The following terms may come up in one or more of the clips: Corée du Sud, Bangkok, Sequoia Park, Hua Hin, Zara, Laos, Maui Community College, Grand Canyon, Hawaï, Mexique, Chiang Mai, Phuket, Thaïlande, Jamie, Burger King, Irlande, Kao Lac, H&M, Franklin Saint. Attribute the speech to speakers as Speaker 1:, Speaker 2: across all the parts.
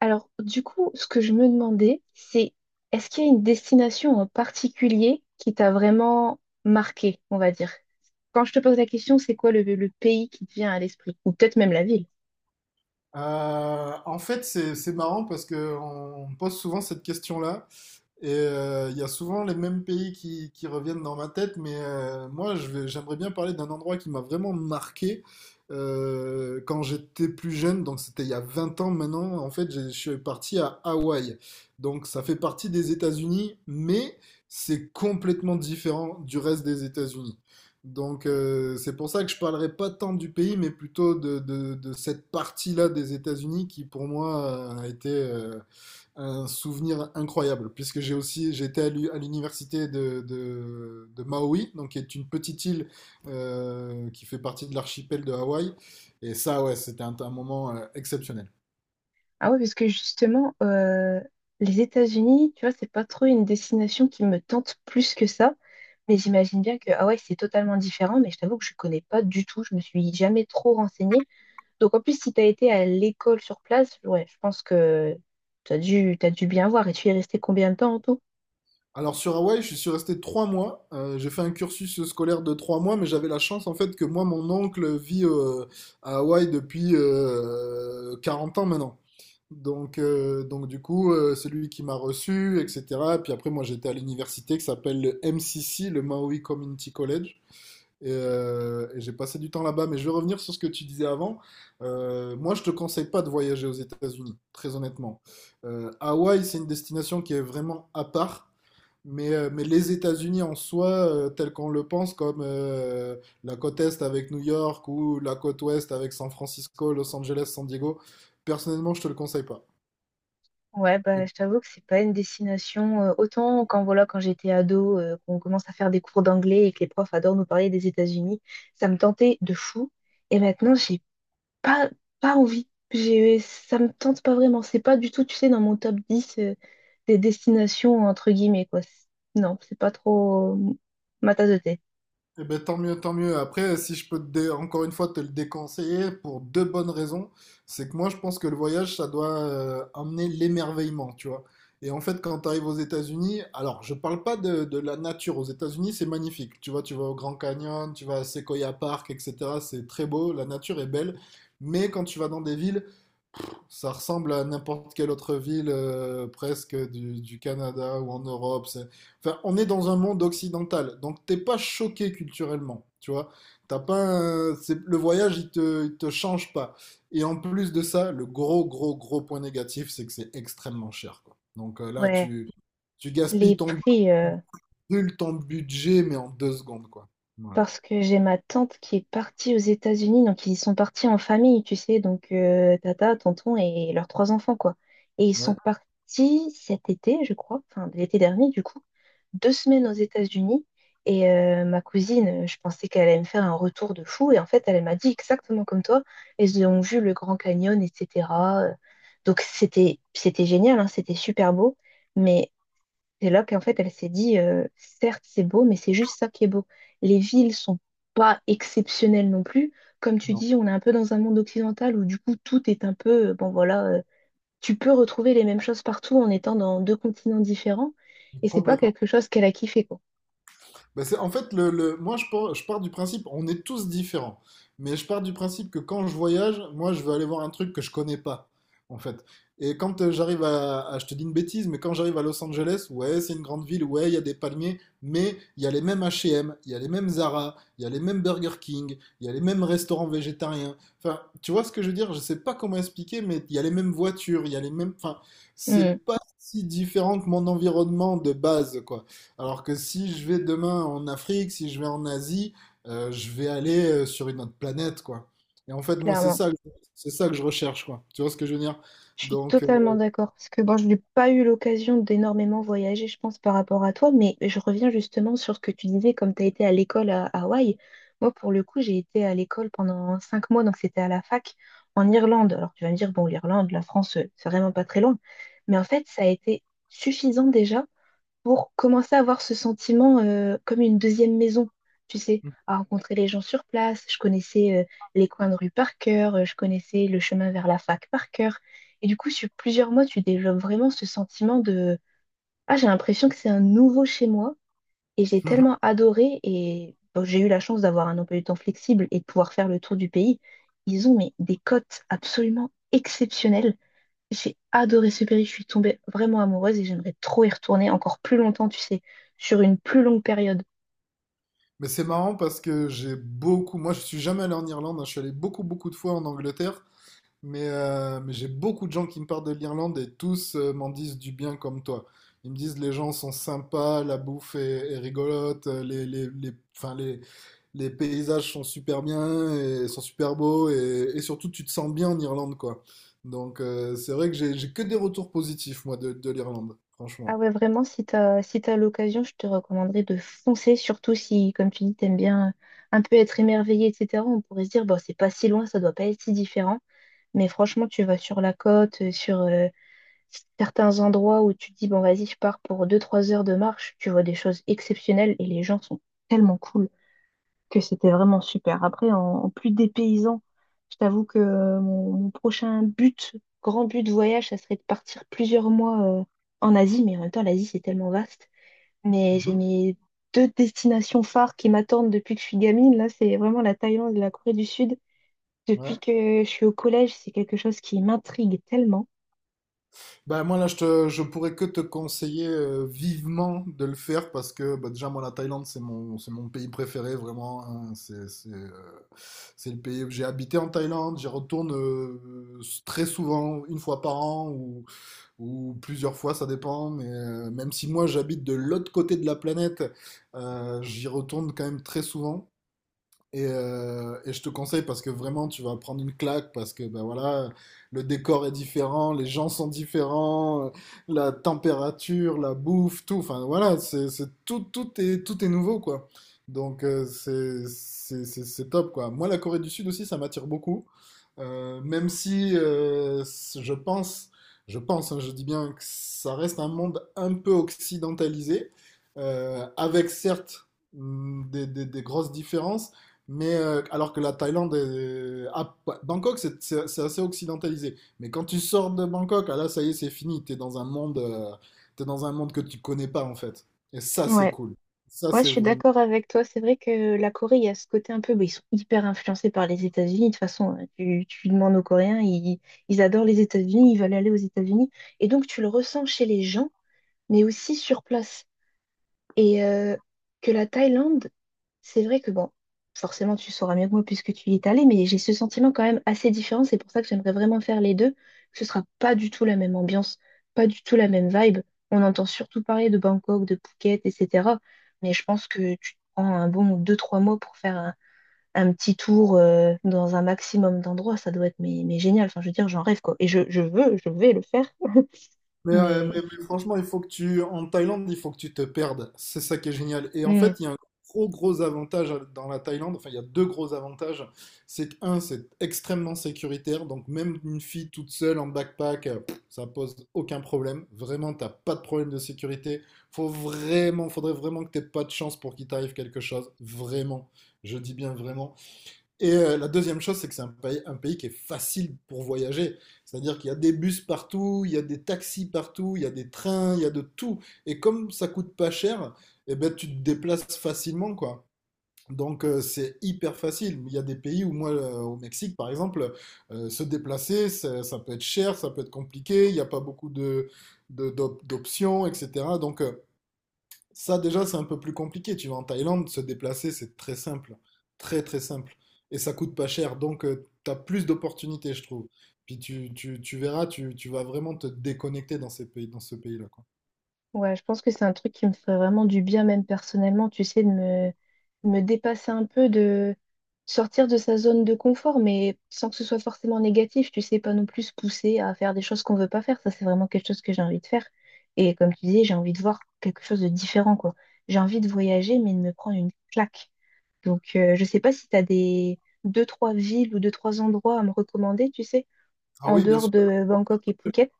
Speaker 1: Alors, du coup, ce que je me demandais, c'est est-ce qu'il y a une destination en particulier qui t'a vraiment marqué, on va dire? Quand je te pose la question, c'est quoi le pays qui te vient à l'esprit? Ou peut-être même la ville.
Speaker 2: En fait, c'est marrant parce que on pose souvent cette question-là. Et il y a souvent les mêmes pays qui reviennent dans ma tête, mais j'aimerais bien parler d'un endroit qui m'a vraiment marqué quand j'étais plus jeune, donc c'était il y a 20 ans maintenant. En fait, je suis parti à Hawaï. Donc ça fait partie des États-Unis, mais c'est complètement différent du reste des États-Unis. Donc c'est pour ça que je parlerai pas tant du pays, mais plutôt de cette partie-là des États-Unis qui pour moi a été un souvenir incroyable, puisque j'étais à à l'université de Maui, donc qui est une petite île qui fait partie de l'archipel de Hawaï. Et ça, ouais, c'était un moment exceptionnel.
Speaker 1: Ah ouais, parce que justement, les États-Unis, tu vois, c'est pas trop une destination qui me tente plus que ça. Mais j'imagine bien que, ah ouais, c'est totalement différent, mais je t'avoue que je connais pas du tout, je me suis jamais trop renseignée. Donc en plus, si tu as été à l'école sur place, ouais, je pense que tu as dû, t'as dû bien voir. Et tu y es resté combien de temps en tout?
Speaker 2: Alors sur Hawaï, je suis resté 3 mois. J'ai fait un cursus scolaire de 3 mois, mais j'avais la chance en fait que moi, mon oncle vit à Hawaï depuis 40 ans maintenant. Donc du coup, c'est lui qui m'a reçu, etc. Puis après, moi, j'étais à l'université qui s'appelle le MCC, le Maui Community College. Et j'ai passé du temps là-bas. Mais je vais revenir sur ce que tu disais avant. Moi, je te conseille pas de voyager aux États-Unis, très honnêtement. Hawaï, c'est une destination qui est vraiment à part. Mais les États-Unis en soi, tel qu'on le pense, comme la côte Est avec New York ou la côte Ouest avec San Francisco, Los Angeles, San Diego, personnellement, je te le conseille pas.
Speaker 1: Ouais, bah, je t'avoue que c'est pas une destination autant quand voilà quand j'étais ado, qu'on commence à faire des cours d'anglais et que les profs adorent nous parler des États-Unis, ça me tentait de fou. Et maintenant, j'ai pas pas envie. J'ai ça me tente pas vraiment. C'est pas du tout, tu sais, dans mon top 10 des destinations entre guillemets quoi. C'est- non, c'est pas trop ma tasse de thé.
Speaker 2: Eh ben, tant mieux, tant mieux. Après, si je peux encore une fois te le déconseiller pour deux bonnes raisons, c'est que moi je pense que le voyage ça doit amener l'émerveillement, tu vois. Et en fait, quand tu arrives aux États-Unis, alors je parle pas de la nature. Aux États-Unis, c'est magnifique. Tu vois, tu vas au Grand Canyon, tu vas à Sequoia Park, etc. C'est très beau, la nature est belle. Mais quand tu vas dans des villes ça ressemble à n'importe quelle autre ville presque du Canada ou en Europe. Enfin, on est dans un monde occidental, donc t'es pas choqué culturellement, tu vois. T'as pas un- c'est- Le voyage, il te change pas. Et en plus de ça, le gros, gros, gros point négatif, c'est que c'est extrêmement cher, quoi. Donc là,
Speaker 1: Ouais,
Speaker 2: tu gaspilles
Speaker 1: les
Speaker 2: ton,
Speaker 1: prix.
Speaker 2: brûles ton budget, mais en 2 secondes, quoi. Voilà.
Speaker 1: Parce que j'ai ma tante qui est partie aux États-Unis, donc ils sont partis en famille, tu sais, donc tata, tonton et leurs trois enfants, quoi. Et ils sont
Speaker 2: Ouais,
Speaker 1: partis cet été, je crois, enfin l'été dernier, du coup, deux semaines aux États-Unis. Et ma cousine, je pensais qu'elle allait me faire un retour de fou, et en fait, elle m'a dit exactement comme toi, elles ont vu le Grand Canyon, etc. Donc c'était génial, hein, c'était super beau, mais c'est là qu'en fait, elle s'est dit, certes, c'est beau, mais c'est juste ça qui est beau. Les villes sont pas exceptionnelles non plus. Comme tu
Speaker 2: non,
Speaker 1: dis, on est un peu dans un monde occidental où du coup, tout est un peu, bon voilà, tu peux retrouver les mêmes choses partout en étant dans deux continents différents. Et c'est pas
Speaker 2: complètement.
Speaker 1: quelque chose qu'elle a kiffé, quoi.
Speaker 2: Bah, c'est, en fait, moi, je pars du principe, on est tous différents. Mais je pars du principe que quand je voyage, moi, je veux aller voir un truc que je connais pas, en fait. Et quand je te dis une bêtise, mais quand j'arrive à Los Angeles, ouais, c'est une grande ville, ouais, il y a des palmiers, mais il y a les mêmes H&M, il y a les mêmes Zara, il y a les mêmes Burger King, il y a les mêmes restaurants végétariens. Enfin, tu vois ce que je veux dire? Je sais pas comment expliquer, mais il y a les mêmes voitures, il y a les mêmes, enfin,
Speaker 1: Mm,
Speaker 2: c'est pas si différent que mon environnement de base, quoi. Alors que si je vais demain en Afrique, si je vais en Asie, je vais aller sur une autre planète, quoi. Et en fait, moi,
Speaker 1: clairement.
Speaker 2: c'est ça que je recherche, quoi. Tu vois ce que je veux dire?
Speaker 1: Je suis
Speaker 2: Donc, euh,
Speaker 1: totalement d'accord parce que bon, je n'ai pas eu l'occasion d'énormément voyager, je pense, par rapport à toi, mais je reviens justement sur ce que tu disais, comme tu as été à l'école à Hawaï. Moi, pour le coup, j'ai été à l'école pendant 5 mois, donc c'était à la fac en Irlande. Alors tu vas me dire, bon, l'Irlande, la France, c'est vraiment pas très loin, mais en fait, ça a été suffisant déjà pour commencer à avoir ce sentiment comme une deuxième maison, tu sais, à rencontrer les gens sur place. Je connaissais les coins de rue par cœur, je connaissais le chemin vers la fac par cœur. Et du coup, sur plusieurs mois, tu développes vraiment ce sentiment de ah, j'ai l'impression que c'est un nouveau chez moi. Et j'ai tellement adoré et bon, j'ai eu la chance d'avoir un emploi du temps flexible et de pouvoir faire le tour du pays. Ils ont mais, des cotes absolument exceptionnelles. J'ai adoré ce pays, je suis tombée vraiment amoureuse et j'aimerais trop y retourner encore plus longtemps, tu sais, sur une plus longue période.
Speaker 2: mais c'est marrant parce que moi, je suis jamais allé en Irlande, hein. Je suis allé beaucoup, beaucoup de fois en Angleterre Mais j'ai beaucoup de gens qui me parlent de l'Irlande et tous m'en disent du bien comme toi. Ils me disent les gens sont sympas, la bouffe est rigolote, les paysages sont super bien et sont super beaux et surtout tu te sens bien en Irlande quoi. Donc c'est vrai que j'ai que des retours positifs moi de l'Irlande,
Speaker 1: Ah
Speaker 2: franchement.
Speaker 1: ouais, vraiment, si t'as, si t'as l'occasion, je te recommanderais de foncer, surtout si, comme tu dis, t'aimes bien un peu être émerveillé, etc. On pourrait se dire, bon, c'est pas si loin, ça doit pas être si différent. Mais franchement, tu vas sur la côte, sur certains endroits où tu te dis, bon, vas-y, je pars pour 2 3 heures de marche, tu vois des choses exceptionnelles et les gens sont tellement cool. Que c'était vraiment super. Après, en, en plus des paysans, je t'avoue que mon prochain but, grand but de voyage, ça serait de partir plusieurs mois en Asie, mais en même temps, l'Asie, c'est tellement vaste. Mais j'ai mes deux destinations phares qui m'attendent depuis que je suis gamine. Là, c'est vraiment la Thaïlande et la Corée du Sud. Depuis
Speaker 2: Mhm.
Speaker 1: que je suis au collège, c'est quelque chose qui m'intrigue tellement.
Speaker 2: Ben moi là je pourrais que te conseiller vivement de le faire parce que bah, déjà moi la Thaïlande c'est mon pays préféré vraiment hein. C'est le pays j'ai habité en Thaïlande j'y retourne très souvent une fois par an ou plusieurs fois ça dépend mais même si moi j'habite de l'autre côté de la planète j'y retourne quand même très souvent et je te conseille parce que vraiment tu vas prendre une claque parce que ben voilà le décor est différent, les gens sont différents, la température, la bouffe, tout. Enfin voilà, tout est nouveau quoi. Donc c'est top quoi. Moi la Corée du Sud aussi ça m'attire beaucoup. Même si je pense hein, je dis bien que ça reste un monde un peu occidentalisé avec certes des grosses différences. Alors que la Thaïlande, Bangkok, c'est assez occidentalisé. Mais quand tu sors de Bangkok, ah là, ça y est, c'est fini. T'es dans un monde que tu connais pas en fait. Et ça, c'est
Speaker 1: Ouais.
Speaker 2: cool. Ça,
Speaker 1: Ouais, je
Speaker 2: c'est
Speaker 1: suis
Speaker 2: vraiment.
Speaker 1: d'accord avec toi. C'est vrai que la Corée, il y a ce côté un peu, bah, ils sont hyper influencés par les États-Unis. De toute façon, hein, tu demandes aux Coréens, ils adorent les États-Unis, ils veulent aller aux États-Unis. Et donc, tu le ressens chez les gens, mais aussi sur place. Et que la Thaïlande, c'est vrai que bon, forcément tu sauras mieux que moi puisque tu y es allé, mais j'ai ce sentiment quand même assez différent. C'est pour ça que j'aimerais vraiment faire les deux. Ce sera pas du tout la même ambiance, pas du tout la même vibe. On entend surtout parler de Bangkok, de Phuket, etc. Mais je pense que tu te prends un bon 2, 3 mois pour faire un petit tour dans un maximum d'endroits. Ça doit être mais génial. Enfin, je veux dire, j'en rêve quoi. Et je veux, je vais le faire.
Speaker 2: Mais, euh, mais-
Speaker 1: Mais.
Speaker 2: mais franchement, il faut que tu, en Thaïlande, il faut que tu te perdes. C'est ça qui est génial. Et en
Speaker 1: Hmm.
Speaker 2: fait, il y a un gros, gros avantage dans la Thaïlande. Enfin, il y a deux gros avantages. C'est que, un, c'est extrêmement sécuritaire. Donc, même une fille toute seule en backpack, pff, ça pose aucun problème. Vraiment, t'as pas de problème de sécurité. Faut vraiment, faudrait vraiment que t'aies pas de chance pour qu'il t'arrive quelque chose. Vraiment. Je dis bien vraiment. Et la deuxième chose, c'est que c'est un pays qui est facile pour voyager. C'est-à-dire qu'il y a des bus partout, il y a des taxis partout, il y a des trains, il y a de tout. Et comme ça coûte pas cher, eh ben, tu te déplaces facilement, quoi. Donc c'est hyper facile. Il y a des pays où moi, au Mexique par exemple, se déplacer, ça peut être cher, ça peut être compliqué, il n'y a pas beaucoup d'options, etc. Donc ça, déjà, c'est un peu plus compliqué. Tu vas en Thaïlande, se déplacer, c'est très simple. Très, très simple. Et ça coûte pas cher. Donc, tu as plus d'opportunités, je trouve. Puis tu verras, tu vas vraiment te déconnecter dans ces pays, dans ce pays-là, quoi.
Speaker 1: Ouais, je pense que c'est un truc qui me ferait vraiment du bien, même personnellement, tu sais, de me, me dépasser un peu, de sortir de sa zone de confort, mais sans que ce soit forcément négatif, tu sais, pas non plus se pousser à faire des choses qu'on veut pas faire. Ça, c'est vraiment quelque chose que j'ai envie de faire. Et comme tu disais, j'ai envie de voir quelque chose de différent, quoi. J'ai envie de voyager, mais de me prendre une claque. Donc, je sais pas si tu as des 2, 3 villes ou 2, 3 endroits à me recommander, tu sais,
Speaker 2: Ah
Speaker 1: en
Speaker 2: oui, bien
Speaker 1: dehors
Speaker 2: sûr.
Speaker 1: de Bangkok et Phuket.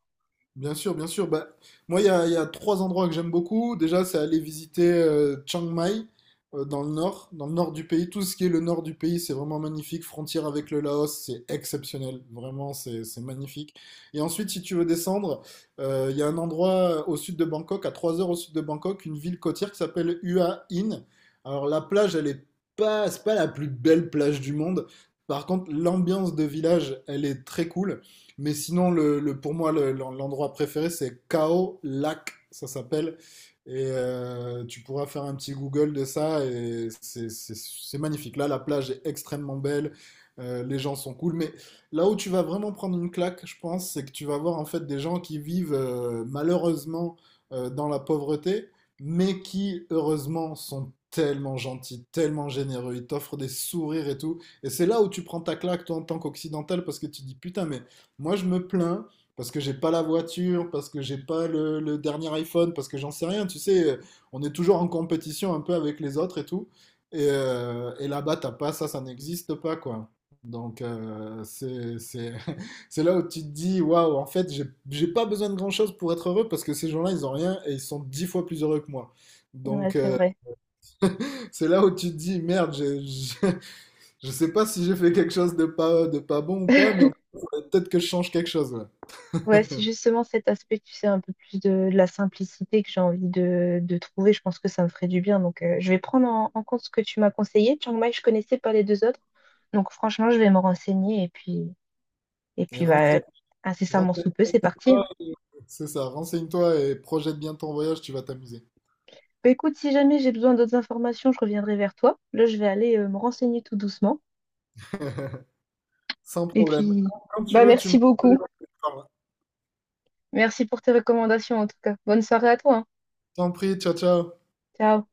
Speaker 2: Bien sûr, bien sûr. Bah, moi, il y a trois endroits que j'aime beaucoup. Déjà, c'est aller visiter Chiang Mai dans le nord du pays. Tout ce qui est le nord du pays, c'est vraiment magnifique. Frontière avec le Laos, c'est exceptionnel. Vraiment, c'est magnifique. Et ensuite, si tu veux descendre, il y a un endroit au sud de Bangkok, à 3 heures au sud de Bangkok, une ville côtière qui s'appelle Hua Hin. Alors, la plage, elle est pas, c'est pas la plus belle plage du monde. Par contre, l'ambiance de village, elle est très cool. Mais sinon, pour moi, l'endroit préféré, c'est Kao Lac, ça s'appelle. Et tu pourras faire un petit Google de ça et c'est magnifique. Là, la plage est extrêmement belle, les gens sont cool. Mais là où tu vas vraiment prendre une claque, je pense, c'est que tu vas voir en fait des gens qui vivent malheureusement dans la pauvreté, mais qui heureusement sont tellement gentils, tellement généreux. Ils t'offrent des sourires et tout. Et c'est là où tu prends ta claque, toi, en tant qu'occidental, parce que tu dis putain, mais moi, je me plains parce que j'ai pas la voiture, parce que j'ai pas le dernier iPhone, parce que j'en sais rien. Tu sais, on est toujours en compétition un peu avec les autres et tout. Et là-bas, t'as pas ça, ça n'existe pas, quoi. Donc, c'est là où tu te dis, waouh, en fait, j'ai pas besoin de grand-chose pour être heureux parce que ces gens-là, ils ont rien et ils sont 10 fois plus heureux que moi.
Speaker 1: Ouais,
Speaker 2: Donc,
Speaker 1: c'est vrai.
Speaker 2: c'est là où tu te dis, merde, sais pas si j'ai fait quelque chose de pas bon ou pas, mais en tout cas, faudrait peut-être que je change quelque chose. Ouais.
Speaker 1: Ouais, c'est justement cet aspect, tu sais, un peu plus de la simplicité que j'ai envie de trouver. Je pense que ça me ferait du bien. Donc, je vais prendre en, en compte ce que tu m'as conseillé. Chiang Mai, je connaissais pas les deux autres. Donc, franchement, je vais me renseigner et
Speaker 2: Et
Speaker 1: puis, bah,
Speaker 2: renseigne-toi,
Speaker 1: incessamment sous peu, c'est parti, hein.
Speaker 2: c'est ça, renseigne-toi et projette bien ton voyage, tu vas t'amuser.
Speaker 1: Bah, écoute, si jamais j'ai besoin d'autres informations, je reviendrai vers toi. Là, je vais aller, me renseigner tout doucement.
Speaker 2: Sans
Speaker 1: Et
Speaker 2: problème.
Speaker 1: puis,
Speaker 2: Quand tu
Speaker 1: bah,
Speaker 2: veux, tu
Speaker 1: merci
Speaker 2: me rappelles
Speaker 1: beaucoup.
Speaker 2: et on en parle.
Speaker 1: Merci pour tes recommandations, en tout cas. Bonne soirée à toi, hein.
Speaker 2: T'en prie, ciao, ciao.
Speaker 1: Ciao.